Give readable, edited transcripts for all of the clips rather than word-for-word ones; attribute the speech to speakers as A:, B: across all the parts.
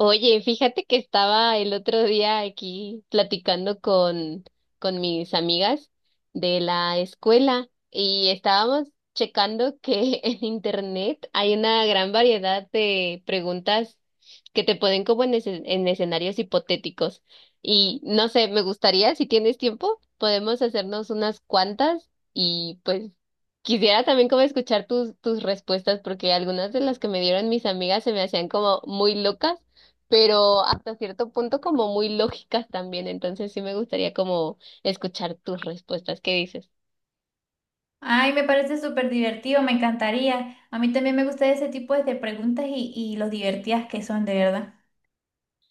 A: Oye, fíjate que estaba el otro día aquí platicando con mis amigas de la escuela y estábamos checando que en internet hay una gran variedad de preguntas que te ponen como en escenarios hipotéticos. Y no sé, me gustaría, si tienes tiempo, podemos hacernos unas cuantas y pues quisiera también como escuchar tus respuestas porque algunas de las que me dieron mis amigas se me hacían como muy locas pero hasta cierto punto como muy lógicas también, entonces sí me gustaría como escuchar tus respuestas, ¿qué dices?
B: Ay, me parece súper divertido, me encantaría. A mí también me gusta ese tipo de preguntas y los divertidas que son, de verdad.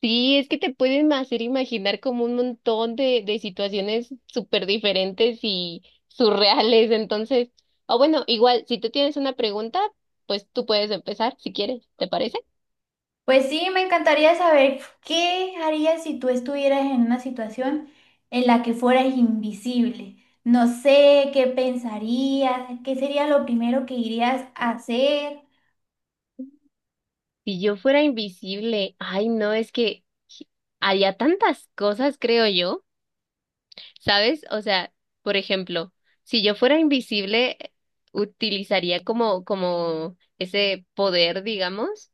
A: Sí, es que te pueden hacer imaginar como un montón de situaciones súper diferentes y surreales, entonces, o bueno, igual, si tú tienes una pregunta, pues tú puedes empezar si quieres, ¿te parece?
B: Pues sí, me encantaría saber qué harías si tú estuvieras en una situación en la que fueras invisible. No sé qué pensarías, qué sería lo primero que irías a hacer.
A: Si yo fuera invisible, ay no, es que haría tantas cosas, creo yo. ¿Sabes? O sea, por ejemplo, si yo fuera invisible, utilizaría como ese poder, digamos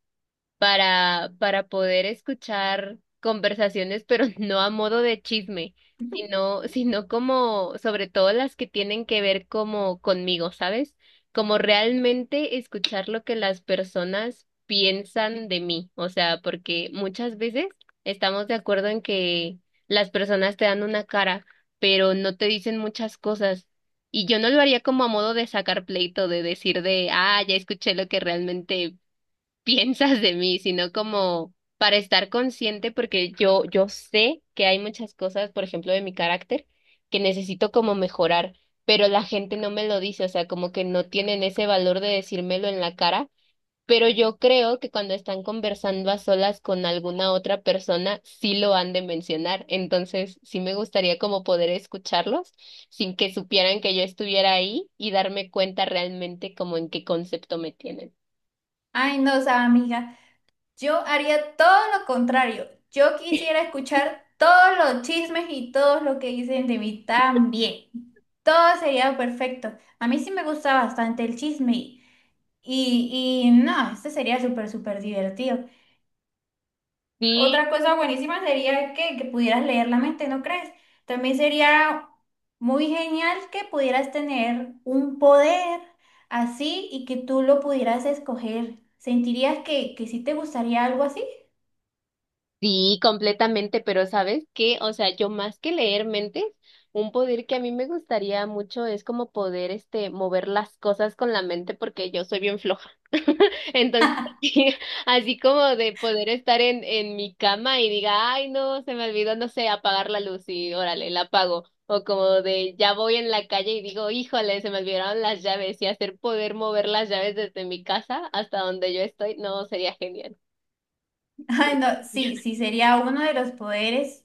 A: para poder escuchar conversaciones, pero no a modo de chisme, sino como, sobre todo las que tienen que ver como conmigo, ¿sabes? Como realmente escuchar lo que las personas piensan de mí, o sea, porque muchas veces estamos de acuerdo en que las personas te dan una cara, pero no te dicen muchas cosas. Y yo no lo haría como a modo de sacar pleito, de decir de, ah, ya escuché lo que realmente piensas de mí, sino como para estar consciente, porque yo sé que hay muchas cosas, por ejemplo, de mi carácter, que necesito como mejorar, pero la gente no me lo dice, o sea, como que no tienen ese valor de decírmelo en la cara. Pero yo creo que cuando están conversando a solas con alguna otra persona, sí lo han de mencionar. Entonces, sí me gustaría como poder escucharlos sin que supieran que yo estuviera ahí y darme cuenta realmente como en qué concepto me tienen.
B: Ay, no, o sea, amiga. Yo haría todo lo contrario. Yo quisiera escuchar todos los chismes y todo lo que dicen de mí también. Todo sería perfecto. A mí sí me gusta bastante el chisme y no, este sería súper, súper divertido.
A: Sí,
B: Otra cosa buenísima sería que pudieras leer la mente, ¿no crees? También sería muy genial que pudieras tener un poder así y que tú lo pudieras escoger. ¿Sentirías que sí te gustaría algo así?
A: sí, completamente, pero ¿sabes qué? O sea, yo más que leer mentes, un poder que a mí me gustaría mucho es como poder, este, mover las cosas con la mente porque yo soy bien floja. Entonces, así como de poder estar en mi cama y diga, ay, no, se me olvidó, no sé, apagar la luz y órale, la apago. O como de ya voy en la calle y digo, híjole, se me olvidaron las llaves y hacer poder mover las llaves desde mi casa hasta donde yo estoy, no, sería genial.
B: Ay, no, sí, sí, sería uno de los poderes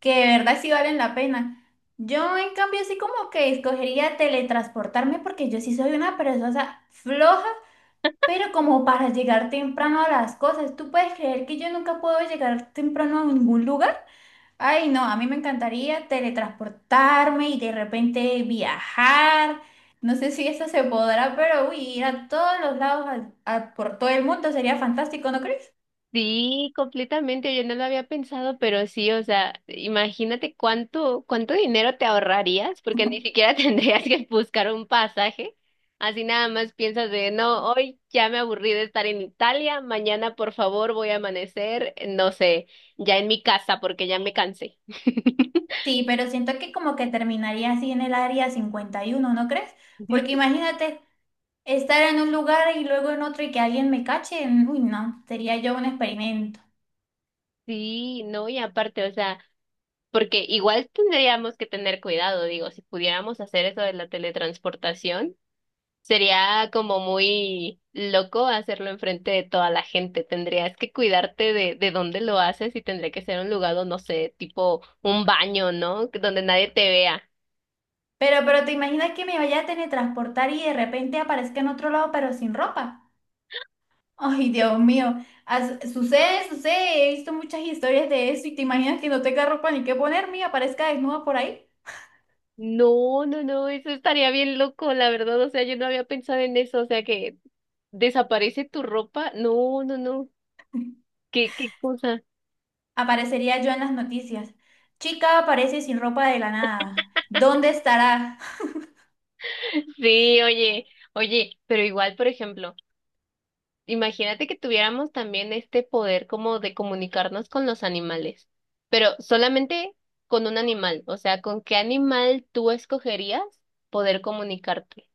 B: que de verdad sí valen la pena. Yo, en cambio, sí como que escogería teletransportarme porque yo sí soy una persona floja, pero como para llegar temprano a las cosas. ¿Tú puedes creer que yo nunca puedo llegar temprano a ningún lugar? Ay, no, a mí me encantaría teletransportarme y de repente viajar. No sé si eso se podrá, pero uy, ir a todos los lados, por todo el mundo sería fantástico, ¿no crees?
A: Sí, completamente, yo no lo había pensado, pero sí, o sea, imagínate cuánto dinero te ahorrarías, porque ni siquiera tendrías que buscar un pasaje. Así nada más piensas de, no, hoy ya me aburrí de estar en Italia, mañana por favor voy a amanecer, no sé, ya en mi casa porque ya me cansé.
B: Sí, pero siento que como que terminaría así en el área 51, ¿no crees? Porque imagínate estar en un lugar y luego en otro y que alguien me cache. Uy, no, sería yo un experimento.
A: Sí, no, y aparte, o sea, porque igual tendríamos que tener cuidado, digo, si pudiéramos hacer eso de la teletransportación. Sería como muy loco hacerlo enfrente de toda la gente. Tendrías que cuidarte de dónde lo haces y tendría que ser un lugar, no sé, tipo un baño, ¿no? Que donde nadie te vea.
B: Pero ¿te imaginas que me vaya a teletransportar y de repente aparezca en otro lado pero sin ropa? Ay, Dios mío. Sucede, sucede. He visto muchas historias de eso y te imaginas que no tenga ropa ni qué ponerme y aparezca desnuda por ahí.
A: No, no, no, eso estaría bien loco, la verdad. O sea, yo no había pensado en eso. O sea, que desaparece tu ropa. No, no, no. ¿Qué, qué cosa?
B: Aparecería yo en las noticias. Chica aparece sin ropa de la nada. ¿Dónde estará?
A: Sí, oye, oye, pero igual, por ejemplo. Imagínate que tuviéramos también este poder como de comunicarnos con los animales, pero solamente con un animal, o sea, ¿con qué animal tú escogerías poder comunicarte?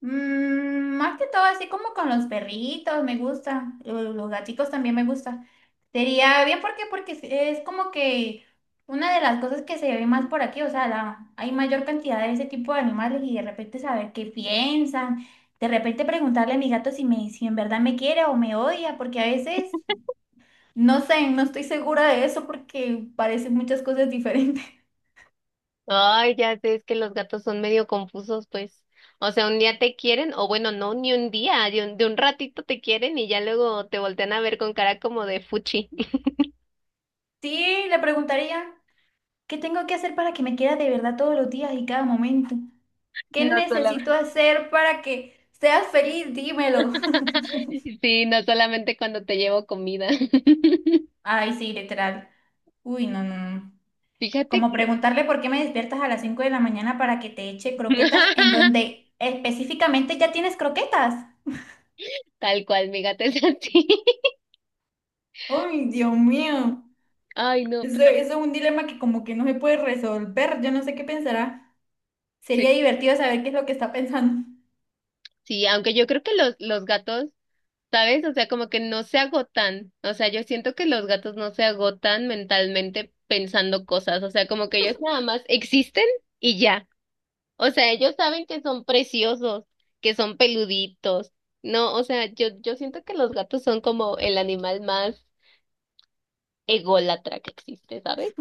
B: Mm, más que todo, así como con los perritos, me gusta. Los gaticos también me gusta. Sería bien, ¿por qué? Porque es como que una de las cosas que se ve más por aquí, o sea, hay mayor cantidad de ese tipo de animales y de repente saber qué piensan. De repente preguntarle a mi gato si en verdad me quiere o me odia, porque a veces no sé, no estoy segura de eso porque parecen muchas cosas diferentes.
A: Ay, ya sé, es que los gatos son medio confusos, pues. O sea, un día te quieren, o bueno, no, ni un día, de de un ratito te quieren y ya luego te voltean a ver con cara como de fuchi.
B: Sí, le preguntaría, ¿qué tengo que hacer para que me quiera de verdad todos los días y cada momento? ¿Qué
A: No solamente,
B: necesito hacer para que seas feliz? Dímelo.
A: sí, no solamente cuando te llevo comida.
B: Ay, sí, literal. Uy, no, no, no.
A: Fíjate
B: Como
A: que
B: preguntarle por qué me despiertas a las 5 de la mañana para que te eche croquetas en donde específicamente ya tienes croquetas.
A: tal cual, mi gato es así.
B: Ay, Dios mío.
A: Ay, no,
B: Eso,
A: pero
B: eso es un dilema que como que no se puede resolver. Yo no sé qué pensará.
A: sí,
B: Sería divertido saber qué es lo que está pensando.
A: sí, aunque yo creo que los gatos, ¿sabes? O sea, como que no se agotan. O sea, yo siento que los gatos no se agotan mentalmente pensando cosas. O sea, como que ellos nada más existen y ya. O sea, ellos saben que son preciosos, que son peluditos. No, o sea, yo siento que los gatos son como el animal más ególatra que existe, ¿sabes?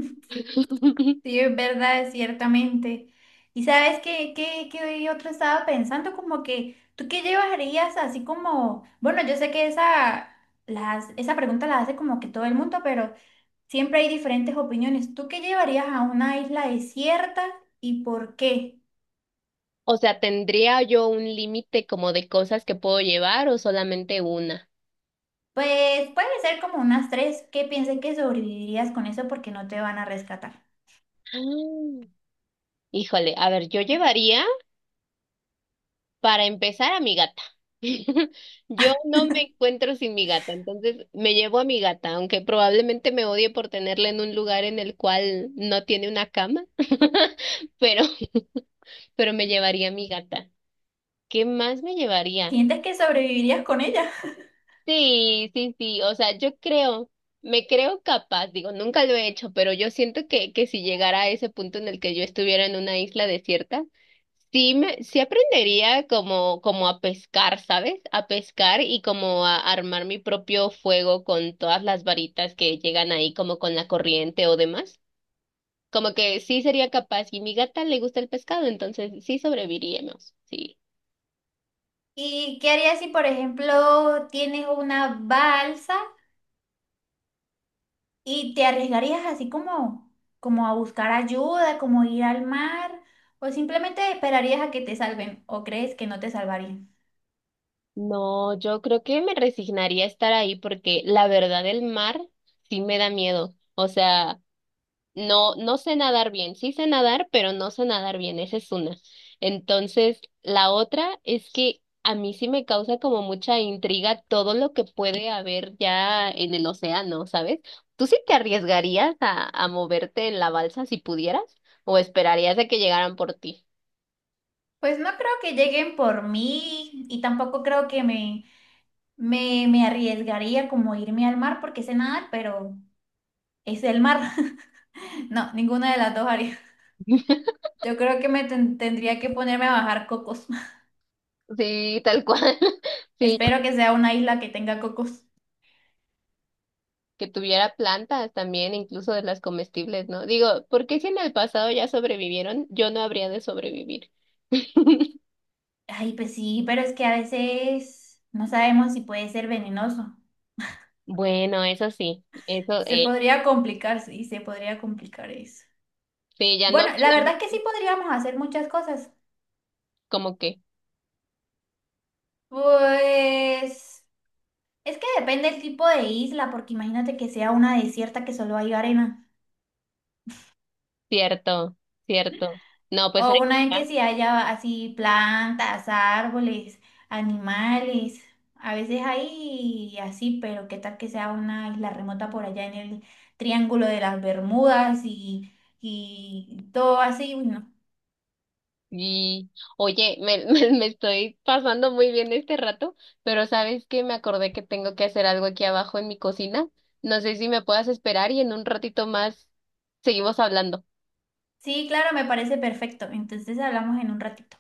B: Sí, es verdad, ciertamente. ¿Y sabes qué otro estaba pensando? Como que, ¿tú qué llevarías así como, bueno, yo sé que esa pregunta la hace como que todo el mundo, pero siempre hay diferentes opiniones. ¿Tú qué llevarías a una isla desierta y por qué?
A: O sea, ¿tendría yo un límite como de cosas que puedo llevar o solamente una?
B: Pues puede ser como unas tres que piensen que sobrevivirías con eso porque no te van a rescatar.
A: Ah, híjole, a ver, yo llevaría para empezar a mi gata. Yo no me encuentro sin mi gata, entonces me llevo a mi gata, aunque probablemente me odie por tenerla en un lugar en el cual no tiene una cama, pero, pero me llevaría a mi gata. ¿Qué más me llevaría?
B: ¿Sientes que sobrevivirías con ella?
A: Sí, sí, sí, o sea, yo creo, me creo capaz, digo, nunca lo he hecho, pero yo siento que si llegara a ese punto en el que yo estuviera en una isla desierta, sí aprendería como, como a pescar, ¿sabes? A pescar y como a armar mi propio fuego con todas las varitas que llegan ahí, como con la corriente o demás. Como que sí sería capaz, y mi gata le gusta el pescado, entonces sí sobreviviríamos, sí.
B: ¿Y qué harías si, por ejemplo, tienes una balsa? ¿Y te arriesgarías así como, como a buscar ayuda, como ir al mar, o simplemente esperarías a que te salven, o crees que no te salvarían?
A: No, yo creo que me resignaría a estar ahí porque la verdad el mar sí me da miedo. O sea, no, no sé nadar bien. Sí sé nadar, pero no sé nadar bien. Esa es una. Entonces, la otra es que a mí sí me causa como mucha intriga todo lo que puede haber ya en el océano, ¿sabes? ¿Tú sí te arriesgarías a moverte en la balsa si pudieras? ¿O esperarías a que llegaran por ti?
B: Pues no creo que lleguen por mí y tampoco creo que me arriesgaría como irme al mar porque sé nadar, pero es el mar. No, ninguna de las dos haría. Yo creo que me tendría que ponerme a bajar cocos.
A: Sí, tal cual. Sí,
B: Espero que sea una isla que tenga cocos.
A: que tuviera plantas también, incluso de las comestibles, ¿no? Digo, ¿por qué si en el pasado ya sobrevivieron, yo no habría de sobrevivir?
B: Ay, pues sí, pero es que a veces no sabemos si puede ser venenoso.
A: Bueno, eso,
B: Se podría complicar, sí, se podría complicar eso.
A: sí, ya no
B: Bueno, la verdad que sí
A: solamente
B: podríamos hacer muchas cosas.
A: como que,
B: Pues es que depende del tipo de isla, porque imagínate que sea una desierta que solo hay arena,
A: cierto, cierto. No, pues
B: o
A: aquí
B: una en que
A: ya.
B: sí haya así plantas, árboles, animales. A veces hay así, pero qué tal que sea una isla remota por allá en el Triángulo de las Bermudas y todo así, bueno.
A: Y, oye, me estoy pasando muy bien este rato, pero ¿sabes qué? Me acordé que tengo que hacer algo aquí abajo en mi cocina. No sé si me puedas esperar y en un ratito más seguimos hablando.
B: Sí, claro, me parece perfecto. Entonces hablamos en un ratito.